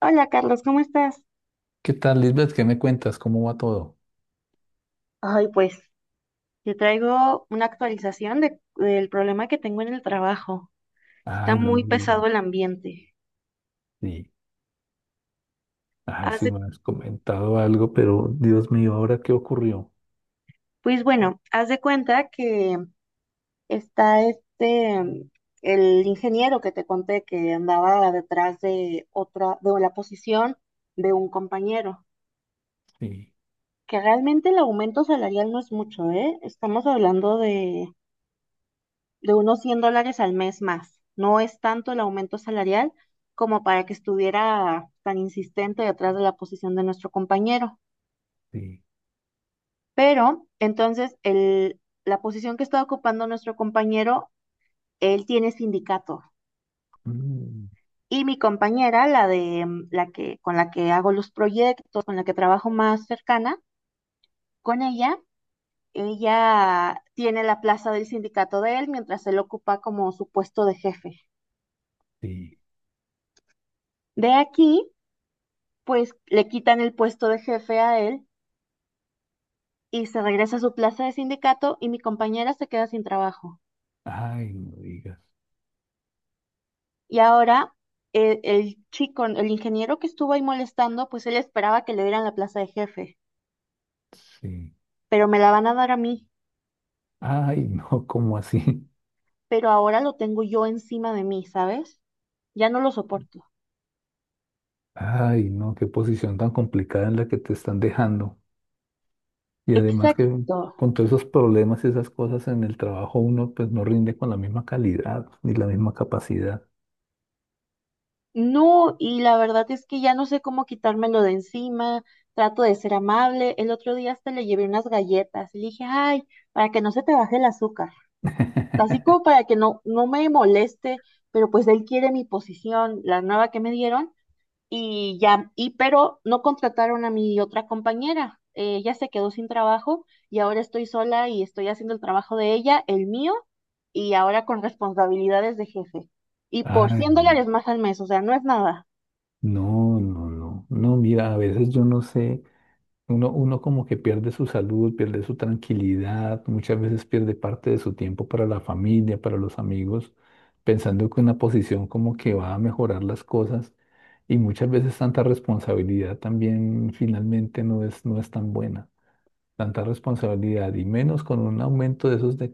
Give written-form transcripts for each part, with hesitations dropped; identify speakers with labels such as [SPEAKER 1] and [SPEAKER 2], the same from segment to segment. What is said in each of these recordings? [SPEAKER 1] Hola Carlos, ¿cómo estás?
[SPEAKER 2] ¿Qué tal, Lisbeth? ¿Qué me cuentas? ¿Cómo va todo?
[SPEAKER 1] Ay, pues te traigo una actualización del problema que tengo en el trabajo. Está
[SPEAKER 2] Ay, no
[SPEAKER 1] muy
[SPEAKER 2] me digas.
[SPEAKER 1] pesado el ambiente.
[SPEAKER 2] Sí. Ay,
[SPEAKER 1] Haz
[SPEAKER 2] sí
[SPEAKER 1] de-
[SPEAKER 2] me has comentado algo, pero Dios mío, ¿ahora qué ocurrió?
[SPEAKER 1] pues bueno, haz de cuenta que está este, mm, el ingeniero que te conté que andaba detrás de la posición de un compañero,
[SPEAKER 2] Sí,
[SPEAKER 1] que realmente el aumento salarial no es mucho, ¿eh? Estamos hablando de unos $100 al mes más. No es tanto el aumento salarial como para que estuviera tan insistente detrás de la posición de nuestro compañero.
[SPEAKER 2] sí.
[SPEAKER 1] Pero entonces la posición que está ocupando nuestro compañero, él tiene sindicato.
[SPEAKER 2] Mm,
[SPEAKER 1] Y mi compañera, la de mm, la que con la que hago los proyectos, con la que trabajo más cercana, con ella, ella tiene la plaza del sindicato de él mientras él ocupa como su puesto de jefe.
[SPEAKER 2] sí.
[SPEAKER 1] De aquí pues le quitan el puesto de jefe a él y se regresa a su plaza de sindicato y mi compañera se queda sin trabajo.
[SPEAKER 2] Ay, no digas.
[SPEAKER 1] Y ahora el chico, el ingeniero que estuvo ahí molestando, pues él esperaba que le dieran la plaza de jefe,
[SPEAKER 2] Sí.
[SPEAKER 1] pero me la van a dar a mí,
[SPEAKER 2] Ay, no, ¿cómo así?
[SPEAKER 1] pero ahora lo tengo yo encima de mí, ¿sabes? Ya no lo soporto.
[SPEAKER 2] Ay, no, qué posición tan complicada en la que te están dejando. Y además que
[SPEAKER 1] Exacto.
[SPEAKER 2] con todos esos problemas y esas cosas en el trabajo, uno pues no rinde con la misma calidad ni la misma capacidad.
[SPEAKER 1] No, y la verdad es que ya no sé cómo quitármelo de encima. Trato de ser amable. El otro día hasta le llevé unas galletas y le dije, ay, para que no se te baje el azúcar. Así como para que no me moleste, pero pues él quiere mi posición, la nueva que me dieron, y ya, y pero no contrataron a mi otra compañera. Ella se quedó sin trabajo y ahora estoy sola y estoy haciendo el trabajo de ella, el mío, y ahora con responsabilidades de jefe. Y por
[SPEAKER 2] Ay.
[SPEAKER 1] 100
[SPEAKER 2] No.
[SPEAKER 1] dólares más al mes, o sea, no es nada.
[SPEAKER 2] No, no, no. No, mira, a veces yo no sé, uno como que pierde su salud, pierde su tranquilidad, muchas veces pierde parte de su tiempo para la familia, para los amigos, pensando que una posición como que va a mejorar las cosas y muchas veces tanta responsabilidad también finalmente no es tan buena. Tanta responsabilidad y menos con un aumento de esos de,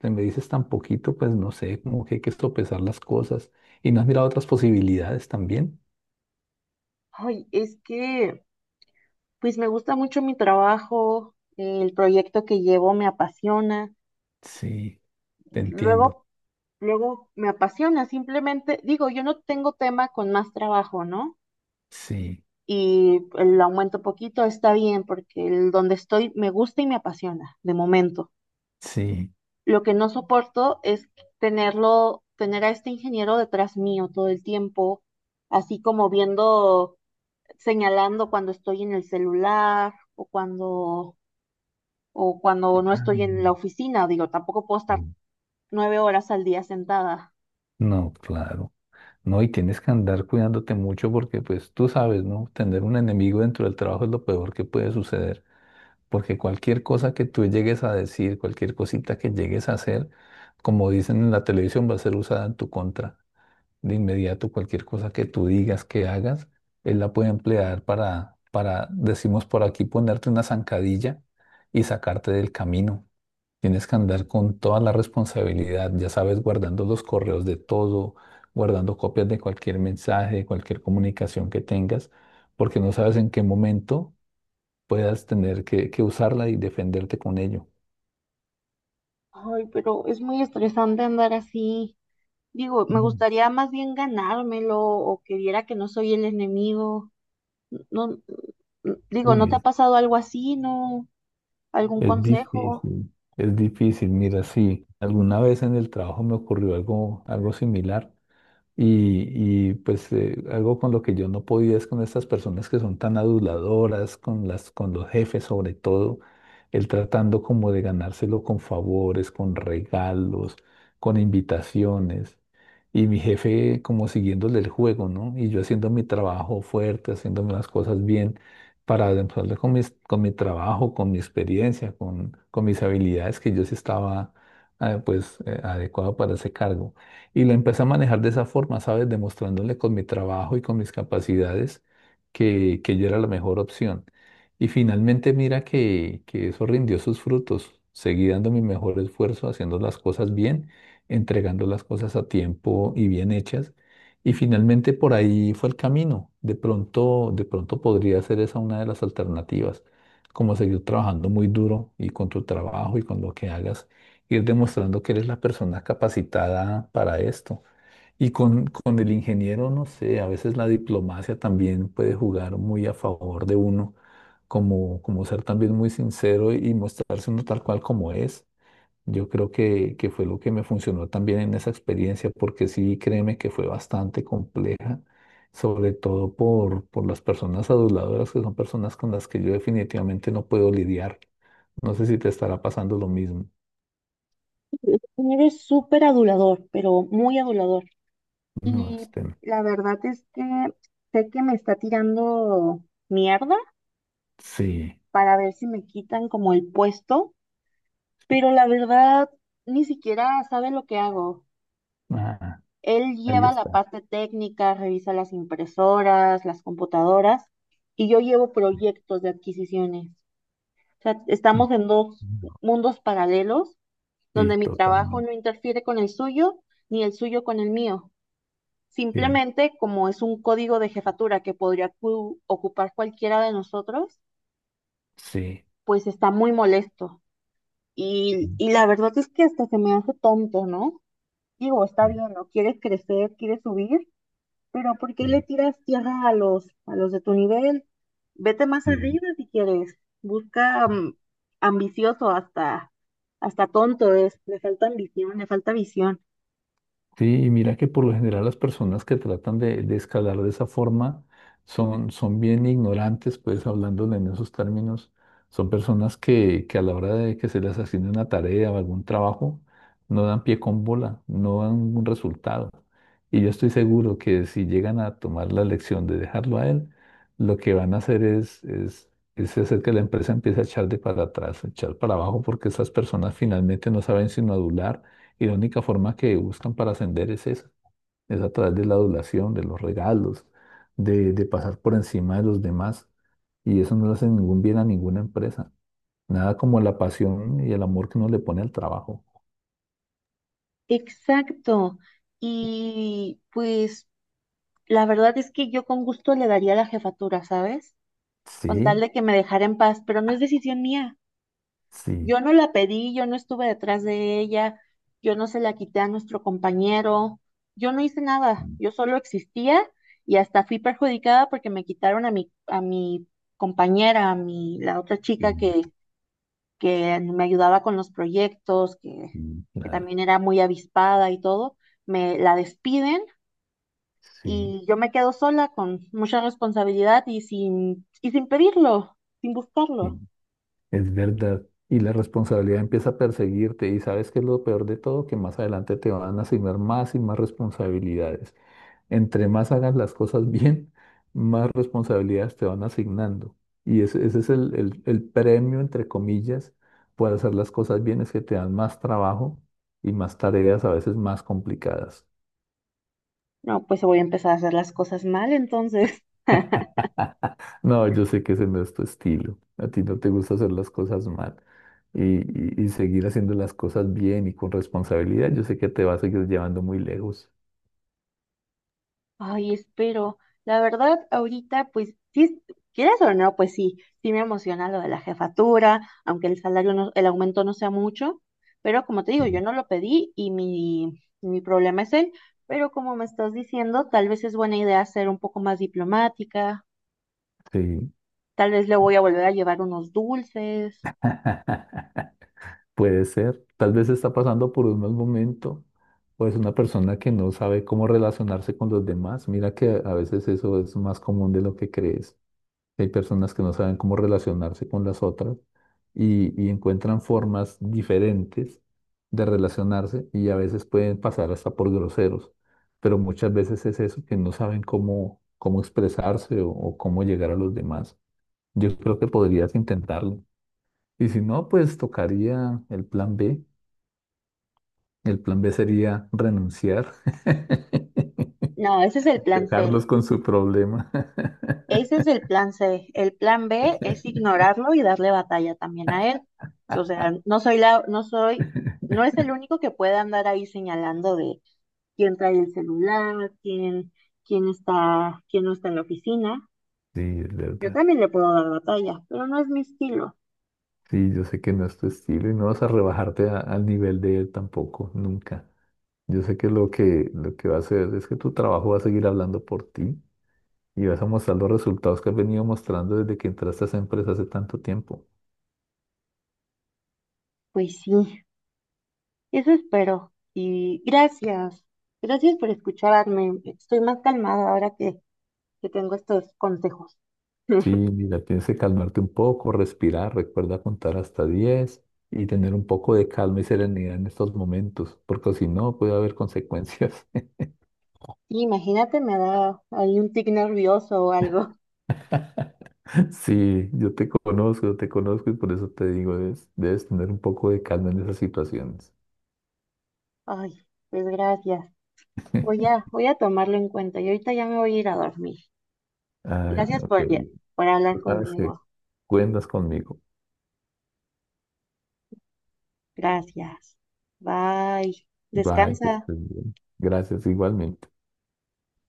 [SPEAKER 2] que me dices tan poquito, pues no sé, como que hay que sopesar las cosas y no has mirado otras posibilidades también.
[SPEAKER 1] Ay, es que, pues me gusta mucho mi trabajo, el proyecto que llevo me apasiona.
[SPEAKER 2] Sí, te entiendo.
[SPEAKER 1] Luego Luego me apasiona, simplemente digo, yo no tengo tema con más trabajo, ¿no?
[SPEAKER 2] Sí,
[SPEAKER 1] Y el aumento poquito está bien porque el donde estoy me gusta y me apasiona de momento.
[SPEAKER 2] sí.
[SPEAKER 1] Lo que no soporto es tener a este ingeniero detrás mío todo el tiempo, así como viendo, señalando cuando estoy en el celular o cuando no
[SPEAKER 2] Ah,
[SPEAKER 1] estoy en la oficina, digo, tampoco puedo estar
[SPEAKER 2] sí.
[SPEAKER 1] 9 horas al día sentada.
[SPEAKER 2] No, claro. No, y tienes que andar cuidándote mucho porque, pues, tú sabes, ¿no? Tener un enemigo dentro del trabajo es lo peor que puede suceder. Porque cualquier cosa que tú llegues a decir, cualquier cosita que llegues a hacer, como dicen en la televisión, va a ser usada en tu contra. De inmediato, cualquier cosa que tú digas, que hagas, él la puede emplear para decimos por aquí, ponerte una zancadilla y sacarte del camino. Tienes que andar con toda la responsabilidad, ya sabes, guardando los correos de todo, guardando copias de cualquier mensaje, de cualquier comunicación que tengas, porque no sabes en qué momento puedas tener que usarla y defenderte con ello.
[SPEAKER 1] Ay, pero es muy estresante andar así. Digo, me
[SPEAKER 2] Mm.
[SPEAKER 1] gustaría más bien ganármelo o que viera que no soy el enemigo. No, digo, ¿no te ha
[SPEAKER 2] Uy,
[SPEAKER 1] pasado algo así, no? ¿Algún
[SPEAKER 2] es
[SPEAKER 1] consejo?
[SPEAKER 2] difícil, es difícil. Mira, sí, alguna vez en el trabajo me ocurrió algo, algo similar. Y, pues algo con lo que yo no podía es con estas personas que son tan aduladoras, con los jefes sobre todo, el tratando como de ganárselo con favores, con regalos, con invitaciones. Y mi jefe como siguiéndole el juego, ¿no? Y yo haciendo mi trabajo fuerte, haciéndome las cosas bien para demostrarle con mi trabajo, con mi experiencia, con mis habilidades que yo sí estaba pues adecuado para ese cargo. Y la empecé a manejar de esa forma, ¿sabes? Demostrándole con mi trabajo y con mis capacidades que yo era la mejor opción. Y finalmente mira que eso rindió sus frutos. Seguí dando mi mejor esfuerzo, haciendo las cosas bien, entregando las cosas a tiempo y bien hechas. Y finalmente por ahí fue el camino. De pronto podría ser esa una de las alternativas, como seguir trabajando muy duro y con tu trabajo y con lo que hagas ir demostrando que eres la persona capacitada para esto. Y con el ingeniero, no sé, a veces la diplomacia también puede jugar muy a favor de uno, como, como ser también muy sincero y mostrarse uno tal cual como es. Yo creo que fue lo que me funcionó también en esa experiencia, porque sí, créeme que fue bastante compleja, sobre todo por las personas aduladoras, que son personas con las que yo definitivamente no puedo lidiar. No sé si te estará pasando lo mismo.
[SPEAKER 1] Eres súper adulador, pero muy adulador.
[SPEAKER 2] No,
[SPEAKER 1] Y
[SPEAKER 2] este.
[SPEAKER 1] la verdad es que sé que me está tirando mierda
[SPEAKER 2] Sí,
[SPEAKER 1] para ver si me quitan como el puesto, pero
[SPEAKER 2] sí.
[SPEAKER 1] la verdad ni siquiera sabe lo que hago.
[SPEAKER 2] Ah,
[SPEAKER 1] Él
[SPEAKER 2] ahí
[SPEAKER 1] lleva la
[SPEAKER 2] está.
[SPEAKER 1] parte técnica, revisa las impresoras, las computadoras, y yo llevo proyectos de adquisiciones. O sea,
[SPEAKER 2] Ujú.
[SPEAKER 1] estamos en dos mundos paralelos donde
[SPEAKER 2] Sí,
[SPEAKER 1] mi trabajo
[SPEAKER 2] totalmente.
[SPEAKER 1] no interfiere con el suyo, ni el suyo con el mío.
[SPEAKER 2] Sí,
[SPEAKER 1] Simplemente, como es un código de jefatura que podría cu- ocupar cualquiera de nosotros,
[SPEAKER 2] sí,
[SPEAKER 1] pues está muy molesto. Y la verdad es que hasta se me hace tonto, ¿no? Digo, está
[SPEAKER 2] sí,
[SPEAKER 1] bien, ¿no? Quieres crecer, quieres subir, pero ¿por qué le
[SPEAKER 2] sí,
[SPEAKER 1] tiras tierra a los de tu nivel? Vete más
[SPEAKER 2] sí.
[SPEAKER 1] arriba si quieres. Busca mm, Ambicioso hasta tonto es. Le falta ambición, le falta visión.
[SPEAKER 2] Sí, y mira que por lo general las personas que tratan de escalar de esa forma son, son bien ignorantes, pues hablándole en esos términos, son personas que a la hora de que se les asigne una tarea o algún trabajo, no dan pie con bola, no dan un resultado. Y yo estoy seguro que si llegan a tomar la lección de dejarlo a él, lo que van a hacer es hacer que la empresa empiece a echar de para atrás, a echar para abajo, porque esas personas finalmente no saben sino adular y la única forma que buscan para ascender es esa, es a través de la adulación, de los regalos, de pasar por encima de los demás. Y eso no le hace ningún bien a ninguna empresa. Nada como la pasión y el amor que uno le pone al trabajo.
[SPEAKER 1] Exacto. Y pues la verdad es que yo con gusto le daría la jefatura, ¿sabes? Con tal
[SPEAKER 2] Sí,
[SPEAKER 1] de que me dejara en paz, pero no es decisión mía.
[SPEAKER 2] sí.
[SPEAKER 1] Yo no la pedí, yo no estuve detrás de ella, yo no se la quité a nuestro compañero, yo no hice nada, yo solo existía y hasta fui perjudicada porque me quitaron a mi compañera, la otra chica
[SPEAKER 2] Mm,
[SPEAKER 1] que me ayudaba con los proyectos,
[SPEAKER 2] mm.
[SPEAKER 1] que
[SPEAKER 2] Claro,
[SPEAKER 1] también era muy avispada y todo, me la despiden
[SPEAKER 2] sí,
[SPEAKER 1] y yo me quedo sola con mucha responsabilidad y sin pedirlo, sin
[SPEAKER 2] sí,
[SPEAKER 1] buscarlo.
[SPEAKER 2] es verdad. Y la responsabilidad empieza a perseguirte y sabes que es lo peor de todo, que más adelante te van a asignar más y más responsabilidades. Entre más hagas las cosas bien, más responsabilidades te van asignando. Y ese es el premio, entre comillas, por hacer las cosas bien, es que te dan más trabajo y más tareas a veces más complicadas.
[SPEAKER 1] No, pues voy a empezar a hacer las cosas mal entonces.
[SPEAKER 2] No, yo sé que ese no es tu estilo. A ti no te gusta hacer las cosas mal y, y seguir haciendo las cosas bien y con responsabilidad. Yo sé que te va a seguir llevando muy lejos.
[SPEAKER 1] Ay, espero. La verdad, ahorita, pues, sí, quieras o no, pues sí, sí me emociona lo de la jefatura, aunque el salario no, el aumento no sea mucho, pero como te
[SPEAKER 2] Sí.
[SPEAKER 1] digo, yo no lo pedí y mi problema es él, pero como me estás diciendo, tal vez es buena idea ser un poco más diplomática,
[SPEAKER 2] Sí.
[SPEAKER 1] tal vez le voy a volver a llevar unos dulces.
[SPEAKER 2] Puede ser, tal vez está pasando por un mal momento o es una persona que no sabe cómo relacionarse con los demás. Mira que a veces eso es más común de lo que crees. Hay personas que no saben cómo relacionarse con las otras y encuentran formas diferentes de relacionarse y a veces pueden pasar hasta por groseros, pero muchas veces es eso, que no saben cómo, cómo expresarse o cómo llegar a los demás. Yo creo que podrías intentarlo. Y si no, pues tocaría el plan B. El plan B sería renunciar,
[SPEAKER 1] No, ese es el plan C.
[SPEAKER 2] dejarlos con su problema.
[SPEAKER 1] Ese es el plan C. El plan B es ignorarlo y darle batalla también a él. O sea, no soy no es el único que puede andar ahí señalando de quién trae el celular, quién está, quién no está en la oficina.
[SPEAKER 2] Sí, es
[SPEAKER 1] Yo
[SPEAKER 2] verdad.
[SPEAKER 1] también le puedo dar batalla, pero no es mi estilo.
[SPEAKER 2] Sí, yo sé que no es tu estilo y no vas a rebajarte al nivel de él tampoco, nunca. Yo sé que lo que, lo que va a hacer es que tu trabajo va a seguir hablando por ti y vas a mostrar los resultados que has venido mostrando desde que entraste a esa empresa hace tanto tiempo.
[SPEAKER 1] Pues sí, eso espero. Y gracias, gracias por escucharme. Estoy más calmada ahora que tengo estos consejos.
[SPEAKER 2] Sí, mira, tienes que calmarte un poco, respirar, recuerda contar hasta 10 y tener un poco de calma y serenidad en estos momentos, porque si no puede haber consecuencias.
[SPEAKER 1] Imagínate, me da ahí un tic nervioso o algo.
[SPEAKER 2] Sí, yo te conozco y por eso te digo, debes tener un poco de calma en esas situaciones.
[SPEAKER 1] Ay, pues gracias. Voy a tomarlo en cuenta y ahorita ya me voy a ir a dormir.
[SPEAKER 2] Ay,
[SPEAKER 1] Gracias
[SPEAKER 2] no, qué
[SPEAKER 1] por,
[SPEAKER 2] bien.
[SPEAKER 1] por hablar
[SPEAKER 2] Tú sabes que
[SPEAKER 1] conmigo.
[SPEAKER 2] cuentas conmigo.
[SPEAKER 1] Gracias. Bye.
[SPEAKER 2] Bye, que
[SPEAKER 1] Descansa.
[SPEAKER 2] estés bien. Gracias, igualmente.